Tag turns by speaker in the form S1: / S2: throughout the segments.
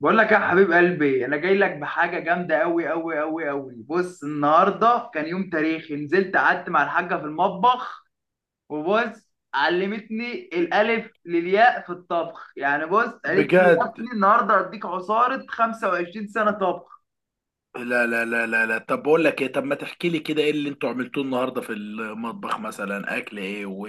S1: بقول لك يا حبيب قلبي، انا جاي لك بحاجه جامده قوي قوي قوي قوي. بص، النهارده كان يوم تاريخي، نزلت قعدت مع الحاجه في المطبخ وبص علمتني الالف للياء في الطبخ. يعني بص، قالت لي: يا
S2: بجد.
S1: ابني النهارده هديك عصاره 25 سنه طبخ.
S2: لا لا لا لا لا، طب بقول لك ايه؟ طب ما تحكي لي كده، ايه اللي انتوا عملتوه النهارده في المطبخ؟ مثلا اكل ايه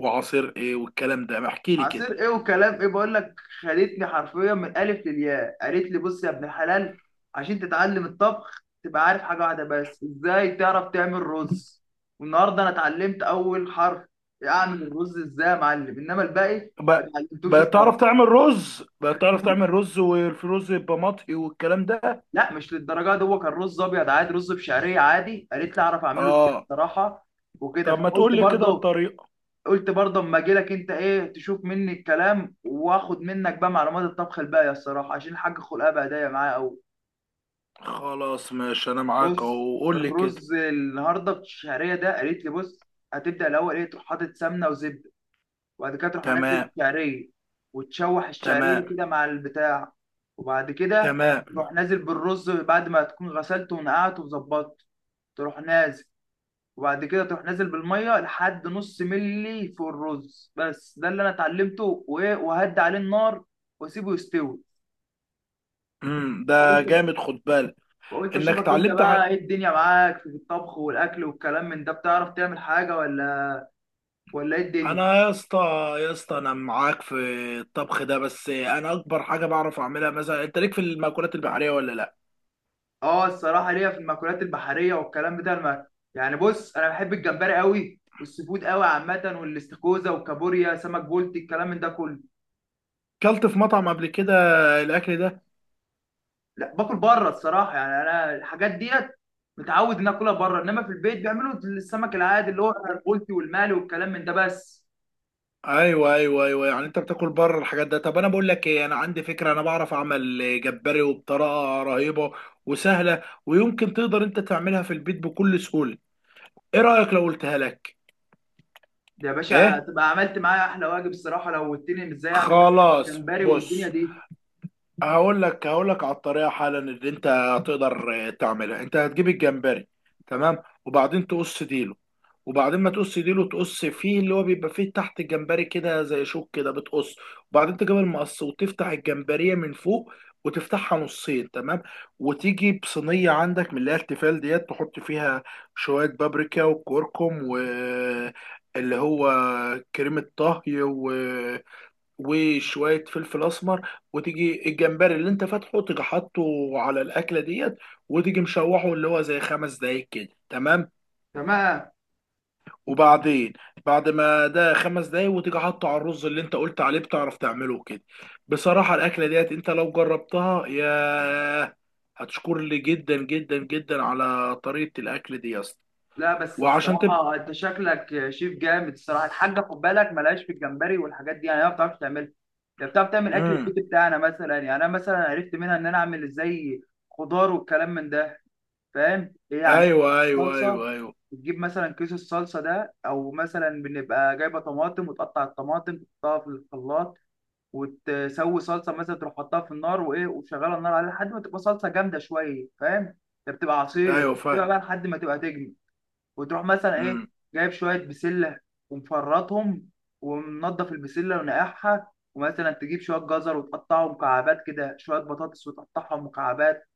S2: وعصير ايه والكلام ده، ما احكي لي كده.
S1: عصير ايه وكلام ايه؟ بقول لك خدتني حرفيا من الالف للياء. قالت لي: بص يا ابن الحلال، عشان تتعلم الطبخ تبقى عارف حاجه واحده بس، ازاي تعرف تعمل رز. والنهارده انا اتعلمت اول حرف، اعمل الرز ازاي يا معلم، انما الباقي ما
S2: بقى
S1: اتعلمتوش
S2: بقى تعرف
S1: الصراحه.
S2: تعمل رز؟ بقى تعرف تعمل رز والرز يبقى مطهي والكلام ده؟
S1: لا مش للدرجه دي، هو كان رز ابيض عادي، رز بشعريه عادي قالت لي اعرف اعمله ازاي
S2: اه،
S1: الصراحه، وكده.
S2: طب ما
S1: فقلت
S2: تقول لي كده
S1: برضه،
S2: الطريقه.
S1: قلت برضه: اما اجي لك انت، ايه تشوف مني الكلام واخد منك بقى معلومات الطبخ الباقيه الصراحه، عشان الحاج خلقها بهدايا معايا قوي.
S2: خلاص ماشي، انا معاك
S1: بص،
S2: اهو، قول لي كده.
S1: الرز النهارده الشعريه ده قالت لي بص، هتبدا الاول ايه، تروح حاطط سمنه وزبده، وبعد كده تروح منزل
S2: تمام.
S1: الشعريه وتشوح الشعريه
S2: تمام.
S1: كده مع البتاع. وبعد كده
S2: تمام.
S1: تروح نازل بالرز بعد ما تكون غسلته ونقعته وظبطته، تروح نازل. وبعد كده تروح نازل بالميه لحد نص ملي فوق الرز. بس ده اللي انا اتعلمته، وايه، وهدي عليه النار واسيبه يستوي.
S2: ده
S1: فقلت
S2: جامد، خد بالك
S1: فقلت
S2: انك
S1: اشوفك انت
S2: اتعلمت.
S1: بقى ايه الدنيا معاك في الطبخ والاكل والكلام من ده، بتعرف تعمل حاجه ولا ولا ايه الدنيا؟
S2: انا يا اسطى، يا اسطى انا معاك في الطبخ ده، بس انا اكبر حاجه بعرف اعملها. مثلا انت ليك في المأكولات البحريه ولا لا؟
S1: اه الصراحه ليا في المأكولات البحريه والكلام بتاع المأكل. يعني بص، انا بحب الجمبري قوي والسي فود قوي عامه، والاستاكوزا والكابوريا، سمك بولتي، الكلام من ده كله.
S2: كلت في مطعم قبل كده الاكل ده؟
S1: لا باكل بره الصراحه، يعني انا الحاجات ديت متعود ان اكلها بره، انما في البيت بيعملوا السمك العادي اللي هو البلطي والمالي والكلام من ده بس.
S2: ايوه ايوه ايوه، يعني انت بتاكل بره الحاجات ده. طب انا بقول لك ايه، انا عندي فكره، انا بعرف اعمل جمبري وبطريقه رهيبه وسهله، ويمكن تقدر انت تعملها في البيت بكل سهوله. ايه رايك لو قلتها لك؟
S1: ده يا باشا
S2: ايه.
S1: تبقى عملت معايا احلى واجب الصراحه لو قلتني إن ازاي اعمل مثلا
S2: خلاص
S1: جمبري والدنيا
S2: بص،
S1: دي.
S2: هقول لك على الطريقه حالا اللي انت هتقدر تعملها. انت هتجيب الجمبري، تمام، وبعدين تقص ديله، وبعدين ما تقص ديله تقص فيه اللي هو بيبقى فيه تحت الجمبري كده زي شوك كده بتقص، وبعدين تجيب المقص وتفتح الجمبريه من فوق وتفتحها نصين، تمام. وتيجي بصينيه عندك من اللي هي التيفال ديت، تحط فيها شويه بابريكا وكركم و اللي هو كريمة طهي وشويه فلفل اسمر، وتيجي الجمبري اللي انت فاتحه تيجي حاطه على الاكله ديت، وتيجي مشوحه اللي هو زي 5 دقايق كده، تمام.
S1: تمام.
S2: وبعدين بعد ما ده 5 دقايق وتيجي حاطه على الرز اللي انت قلت عليه بتعرف تعمله كده. بصراحه الاكله ديت انت لو جربتها يا، هتشكر لي جدا جدا جدا على طريقه الاكل دي يا اسطى.
S1: لا بس
S2: وعشان تب
S1: الصراحه انت شكلك شيف جامد الصراحه. الحاجه خد بالك ملهاش في الجمبري والحاجات دي، يعني هي ما بتعرفش تعملها. هي بتعرف تعمل اكل
S2: امم
S1: البيت بتاعنا، مثلا. يعني انا مثلا عرفت منها ان انا اعمل ازاي خضار والكلام من ده. فاهم؟ هي عندنا
S2: ايوه ايوه
S1: الصلصه
S2: ايوه ايوه
S1: بتجيب مثلا كيس الصلصه ده، او مثلا بنبقى جايبه طماطم وتقطع الطماطم تحطها في الخلاط وتسوي صلصه. مثلا تروح حطها في النار، وايه، وشغاله النار عليها لحد ما تبقى صلصه جامده شويه، فاهم؟ ده بتبقى عصير
S2: ايوه، فاهم.
S1: تبقى بقى لحد ما تبقى تجمد. وتروح مثلا، ايه،
S2: امم
S1: جايب شويه بسله ومفرطهم ومنضف البسله ونقعها، ومثلا تجيب شويه جزر وتقطعهم مكعبات كده، شويه بطاطس وتقطعهم مكعبات.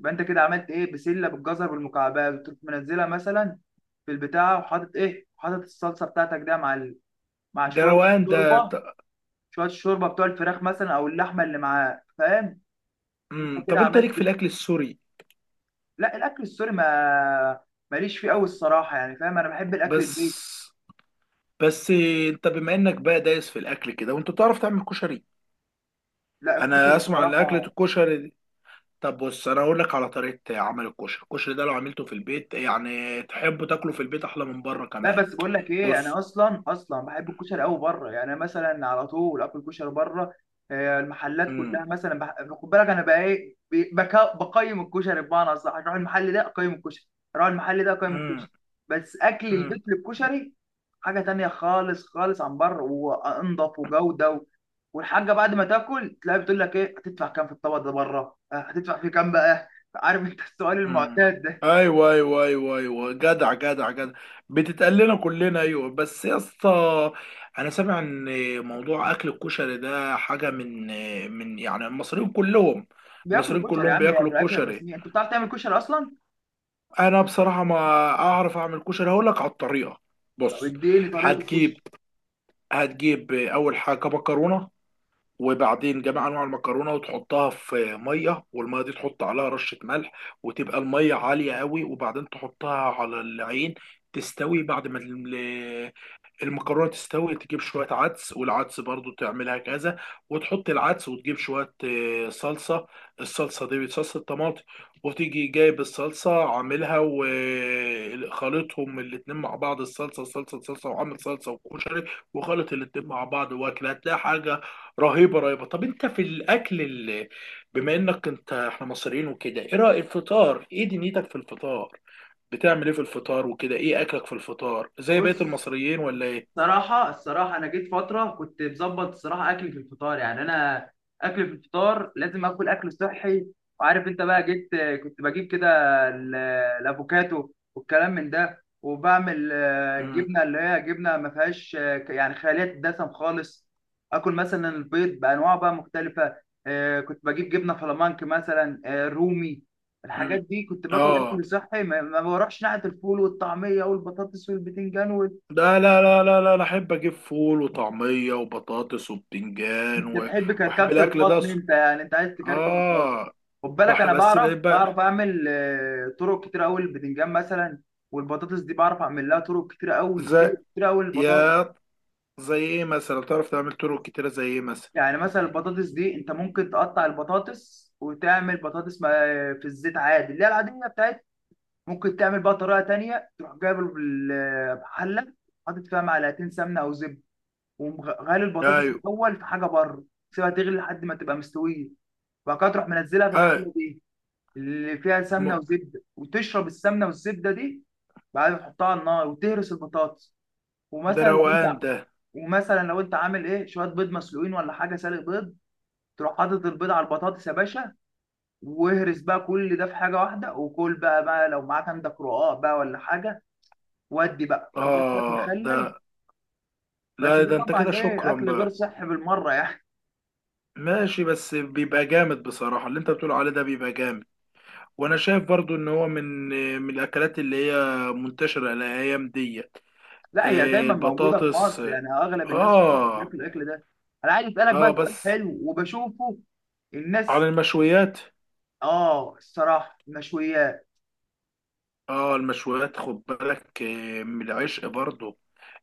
S1: يبقى انت كده عملت ايه، بسله بالجزر بالمكعبات. وتروح منزلها مثلا في البتاع، وحاطط ايه، حاطط الصلصه بتاعتك ده مع مع
S2: ده
S1: شويه
S2: روقان ده.
S1: الشوربه،
S2: ط-
S1: شويه الشوربه بتوع الفراخ مثلا او اللحمه اللي معاه، فاهم؟ انت
S2: طب
S1: كده
S2: انت
S1: عملت.
S2: ليك في الاكل السوري؟
S1: لا الاكل السوري، ما ماليش فيه قوي الصراحه، يعني فاهم، انا بحب الاكل البيت.
S2: بس بس انت بما انك بقى دايس في الاكل كده، وانت تعرف تعمل كشري؟
S1: لا الكشري
S2: انا اسمع ان اكله
S1: الصراحه،
S2: الكشري دي، طب بص انا اقول لك على طريقه عمل الكشري. الكشري ده لو عملته في البيت يعني تحبه تاكله في البيت احلى من بره
S1: لا
S2: كمان.
S1: بس بقول لك ايه، انا
S2: بص.
S1: اصلا اصلا بحب الكشري قوي بره. يعني أنا مثلا على طول اكل كشري بره. المحلات كلها مثلا خد بالك، انا بقى ايه، بقيم الكشري. بمعنى صح، اروح المحل ده اقيم الكشري، اروح المحل ده اقيم الكشري. بس اكل
S2: امم
S1: البيت للكشري حاجه تانية خالص خالص عن بره، وانضف وجوده والحاجه. بعد ما تاكل تلاقي بتقول لك ايه هتدفع كام في الطبق ده بره، هتدفع فيه كام بقى. عارف انت السؤال
S2: مم.
S1: المعتاد ده؟
S2: ايوه ايوه ايوه ايوه، جدع جدع جدع، بتتقال لنا كلنا. ايوه بس يا اسطى، انا سامع ان موضوع اكل الكشري ده حاجه من يعني المصريين كلهم. المصريين
S1: بياكلوا كشري يا
S2: كلهم
S1: عم، يعني
S2: بياكلوا
S1: الاكل
S2: كشري.
S1: الرسميه. انت بتعرف تعمل كشري اصلا؟
S2: انا بصراحه ما اعرف اعمل كشري، هقول لك على الطريقه.
S1: طب
S2: بص،
S1: اديني طريقه
S2: هتجيب
S1: الكشري.
S2: هتجيب اول حاجه مكرونه، وبعدين جميع انواع المكرونه، وتحطها في ميه، والميه دي تحط عليها رشه ملح، وتبقى الميه عاليه قوي، وبعدين تحطها على العين تستوي. بعد ما المكرونه تستوي تجيب شويه عدس، والعدس برضو تعملها كذا، وتحط العدس، وتجيب شويه صلصه. الصلصه دي صلصه طماطم، وتيجي جايب الصلصه عاملها وخلطهم الاتنين مع بعض. الصلصه صلصه صلصه وعامل صلصه وكشري، وخلط الاتنين مع بعض واكل، هتلاقي حاجه رهيبه رهيبه. طب انت في الاكل اللي، بما انك انت احنا مصريين وكده، ايه رايك الفطار؟ ايه دنيتك في الفطار؟ بتعمل ايه في الفطار وكده؟ ايه اكلك في الفطار زي بقية
S1: بص،
S2: المصريين ولا ايه؟
S1: الصراحة الصراحة أنا جيت فترة كنت مظبط الصراحة أكلي في الفطار. يعني أنا أكلي في الفطار لازم آكل أكل صحي، وعارف أنت بقى. جيت كنت بجيب كده ال- الأفوكاتو والكلام من ده، وبعمل
S2: مم.
S1: جبنة، اللي هي جبنة ما فيهاش، يعني خالية الدسم خالص. آكل مثلا البيض بأنواع بقى مختلفة. كنت بجيب جبنة فلامانك مثلا، رومي.
S2: مم.
S1: الحاجات دي كنت باكل
S2: اه،
S1: أكل صحي، ما بروحش ناحية الفول والطعمية والبطاطس والبتنجان.
S2: لا لا لا لا لا، أنا احب اجيب فول وطعميه وبطاطس وبتنجان
S1: انت تحب
S2: واحب
S1: كركبة
S2: الاكل ده
S1: البطن
S2: أصلاً.
S1: انت، يعني انت عايز تكركب البطن.
S2: اه.
S1: خد بالك انا
S2: بس
S1: بعرف
S2: بيبقى
S1: اعمل، طرق كتير قوي البتنجان مثلا، والبطاطس دي بعرف اعمل لها طرق كتير قوي، طرق
S2: زي،
S1: كتير قوي البطاطس.
S2: يا زي ايه مثلا؟ تعرف تعمل طرق كتيره زي ايه مثلا؟
S1: يعني مثلا البطاطس دي انت ممكن تقطع البطاطس وتعمل بطاطس في الزيت عادي، اللي هي العاديه بتاعت. ممكن تعمل بقى طريقه تانية، تروح جايب حله، حاطط فيها معلقتين سمنه او زبده، ومغلي البطاطس
S2: ايوه
S1: الاول في حاجه بره. سيبها تغلي لحد ما تبقى مستويه، وبعد كده تروح منزلها في
S2: ايوه.
S1: الحله دي اللي فيها سمنه
S2: م-
S1: وزبده، وتشرب السمنه والزبده دي. بعدين تحطها على النار وتهرس البطاطس.
S2: ده
S1: ومثلا لو
S2: روقان
S1: انت
S2: ده.
S1: ومثلا لو انت عامل ايه، شويه بيض مسلوقين ولا حاجه، سالق بيض. تروح حاطط البيض على البطاطس يا باشا، واهرس بقى كل ده في حاجه واحده، وكل بقى. بقى لو معاك عندك رقاق بقى ولا حاجه، ودي بقى جنبها شويه
S2: اه ده،
S1: مخلل. بس
S2: لا
S1: دي
S2: ده انت
S1: طبعا
S2: كده
S1: ايه
S2: شكرا
S1: اكل غير
S2: بقى.
S1: صحي بالمره، يعني.
S2: ماشي، بس بيبقى جامد بصراحه اللي انت بتقول عليه ده، بيبقى جامد. وانا شايف برضو ان هو من الاكلات اللي هي منتشره الايام دي.
S1: لا هي
S2: إيه؟
S1: دايما موجوده في
S2: البطاطس؟
S1: مصر، يعني اغلب الناس في مصر
S2: اه.
S1: بياكلوا الاكل ده. انا عايز اسالك بقى
S2: اه
S1: سؤال
S2: بس
S1: حلو، وبشوفه الناس.
S2: على المشويات.
S1: اه الصراحه المشويات.
S2: اه المشويات، خد بالك إيه، من العشق برضو.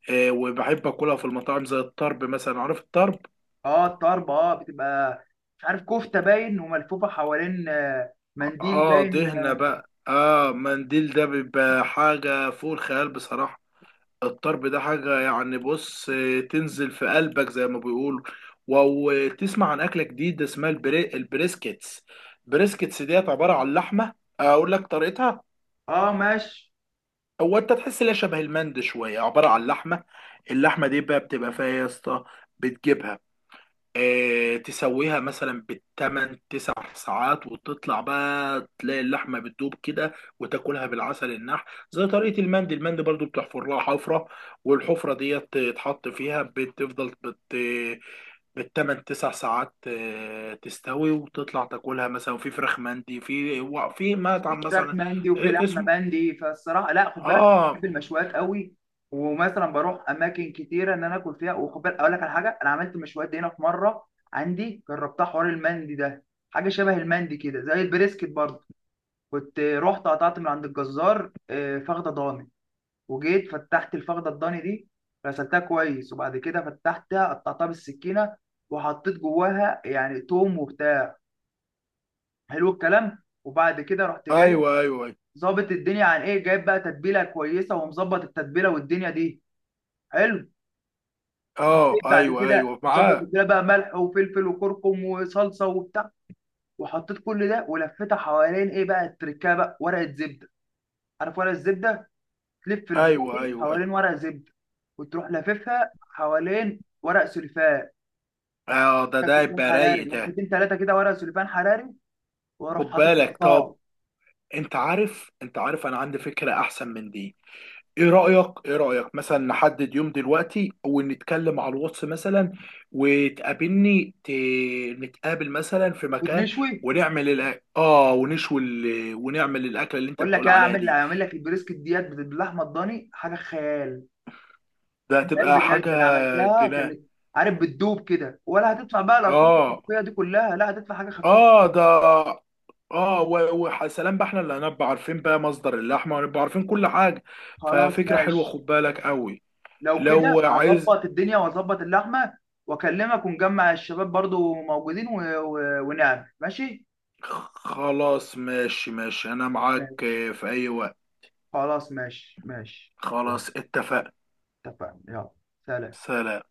S2: إيه، وبحب اكلها في المطاعم زي الطرب مثلا، عارف الطرب؟
S1: اه الطرب، اه بتبقى مش عارف كفته باين وملفوفه حوالين، منديل
S2: اه
S1: باين.
S2: دهنة بقى، اه منديل ده بيبقى حاجة فوق الخيال بصراحة. الطرب ده حاجة، يعني بص إيه، تنزل في قلبك زي ما بيقولوا. و- وتسمع عن أكلة جديدة اسمها البريسكيتس. بريسكيتس ديت عبارة عن لحمة، أقول لك طريقتها.
S1: اه ماشي.
S2: هو انت تحس ان هي شبه المند شويه، عباره عن لحمه. اللحمه دي بقى بتبقى فيها يا اسطى، بتجيبها، اه تسويها مثلا بالتمن 9 ساعات، وتطلع بقى تلاقي اللحمه بتدوب كده، وتاكلها بالعسل النحل زي طريقه المند. المند برضو بتحفر لها حفره، والحفره ديت تتحط فيها، بتفضل بالتمن 9 ساعات، تستوي، وتطلع تاكلها مثلا في فراخ مندي، في
S1: في
S2: مطعم مثلا.
S1: فراخ مندي وفي لحمه
S2: اسمه،
S1: مندي، فالصراحه لا خد بالك
S2: اه،
S1: بحب المشويات قوي. ومثلا بروح اماكن كتيره ان انا اكل فيها. وخد بالك اقول لك على حاجه، انا عملت مشويات دي هنا في مره عندي، جربتها حوار المندي ده، حاجه شبه المندي كده زي البريسكت برضه. كنت رحت قطعت من عند الجزار، فخده ضاني. وجيت فتحت الفخده الضاني دي، غسلتها كويس، وبعد كده فتحتها قطعتها بالسكينه، وحطيت جواها يعني توم وبتاع، حلو الكلام. وبعد كده رحت جاي،
S2: ايوه ايوه.
S1: ظابط الدنيا عن ايه، جايب بقى تتبيله كويسه، ومظبط التتبيله والدنيا دي، حلو.
S2: اه
S1: بعد
S2: ايوه
S1: كده
S2: ايوه
S1: ظبط
S2: معاه.
S1: التتبيله بقى، ملح وفلفل وكركم وصلصه وبتاع، وحطيت كل ده، ولفيتها حوالين ايه بقى التركه بقى، ورقه زبده. عارف ورقه الزبده، تلف البتاع
S2: ايوه ايوه
S1: دي
S2: أيوة.
S1: حوالين ورقه زبده، وتروح لاففها حوالين ورق سلفان.
S2: اه ده
S1: كان
S2: ده
S1: سليمان
S2: يبقى
S1: حراري
S2: رايق ده.
S1: لفتين ثلاثه كده، ورق سليمان حراري، واروح
S2: خد
S1: حاططهم في
S2: بالك طب،
S1: الطاوله.
S2: انت عارف انا عندي فكره احسن من دي. ايه رايك مثلا نحدد يوم دلوقتي، ونتكلم على الواتس مثلا، وتقابلني ت... نتقابل مثلا في مكان،
S1: ونشوي.
S2: ونعمل الأ... اه ونشوي ونعمل الاكله اللي انت
S1: اقول لك
S2: بتقول
S1: ايه،
S2: عليها
S1: اعمل
S2: دي.
S1: اعمل لك البريسكت ديت باللحمه الضاني، حاجه خيال،
S2: ده
S1: خيال
S2: هتبقى حاجه
S1: بجد. انا عملتها
S2: جنان.
S1: كان، عارف، بتدوب كده. ولا هتدفع بقى الارقام
S2: اه.
S1: الفيها دي كلها، لا هتدفع حاجه خفيفه.
S2: اه ده. اه وسلام بقى، احنا اللي هنبقى عارفين بقى مصدر اللحمه، ونبقى عارفين كل حاجه.
S1: خلاص
S2: ففكره حلوه،
S1: ماشي.
S2: خد بالك قوي.
S1: لو
S2: لو
S1: كده
S2: عايز.
S1: هظبط الدنيا واظبط اللحمه واكلمك، ونجمع الشباب برضو موجودين ونعمل. ماشي
S2: خلاص ماشي ماشي، انا معاك
S1: ماشي.
S2: في اي وقت.
S1: خلاص ماشي ماشي. يلا،
S2: خلاص اتفقنا.
S1: اتفقنا. يلا، سلام.
S2: سلام.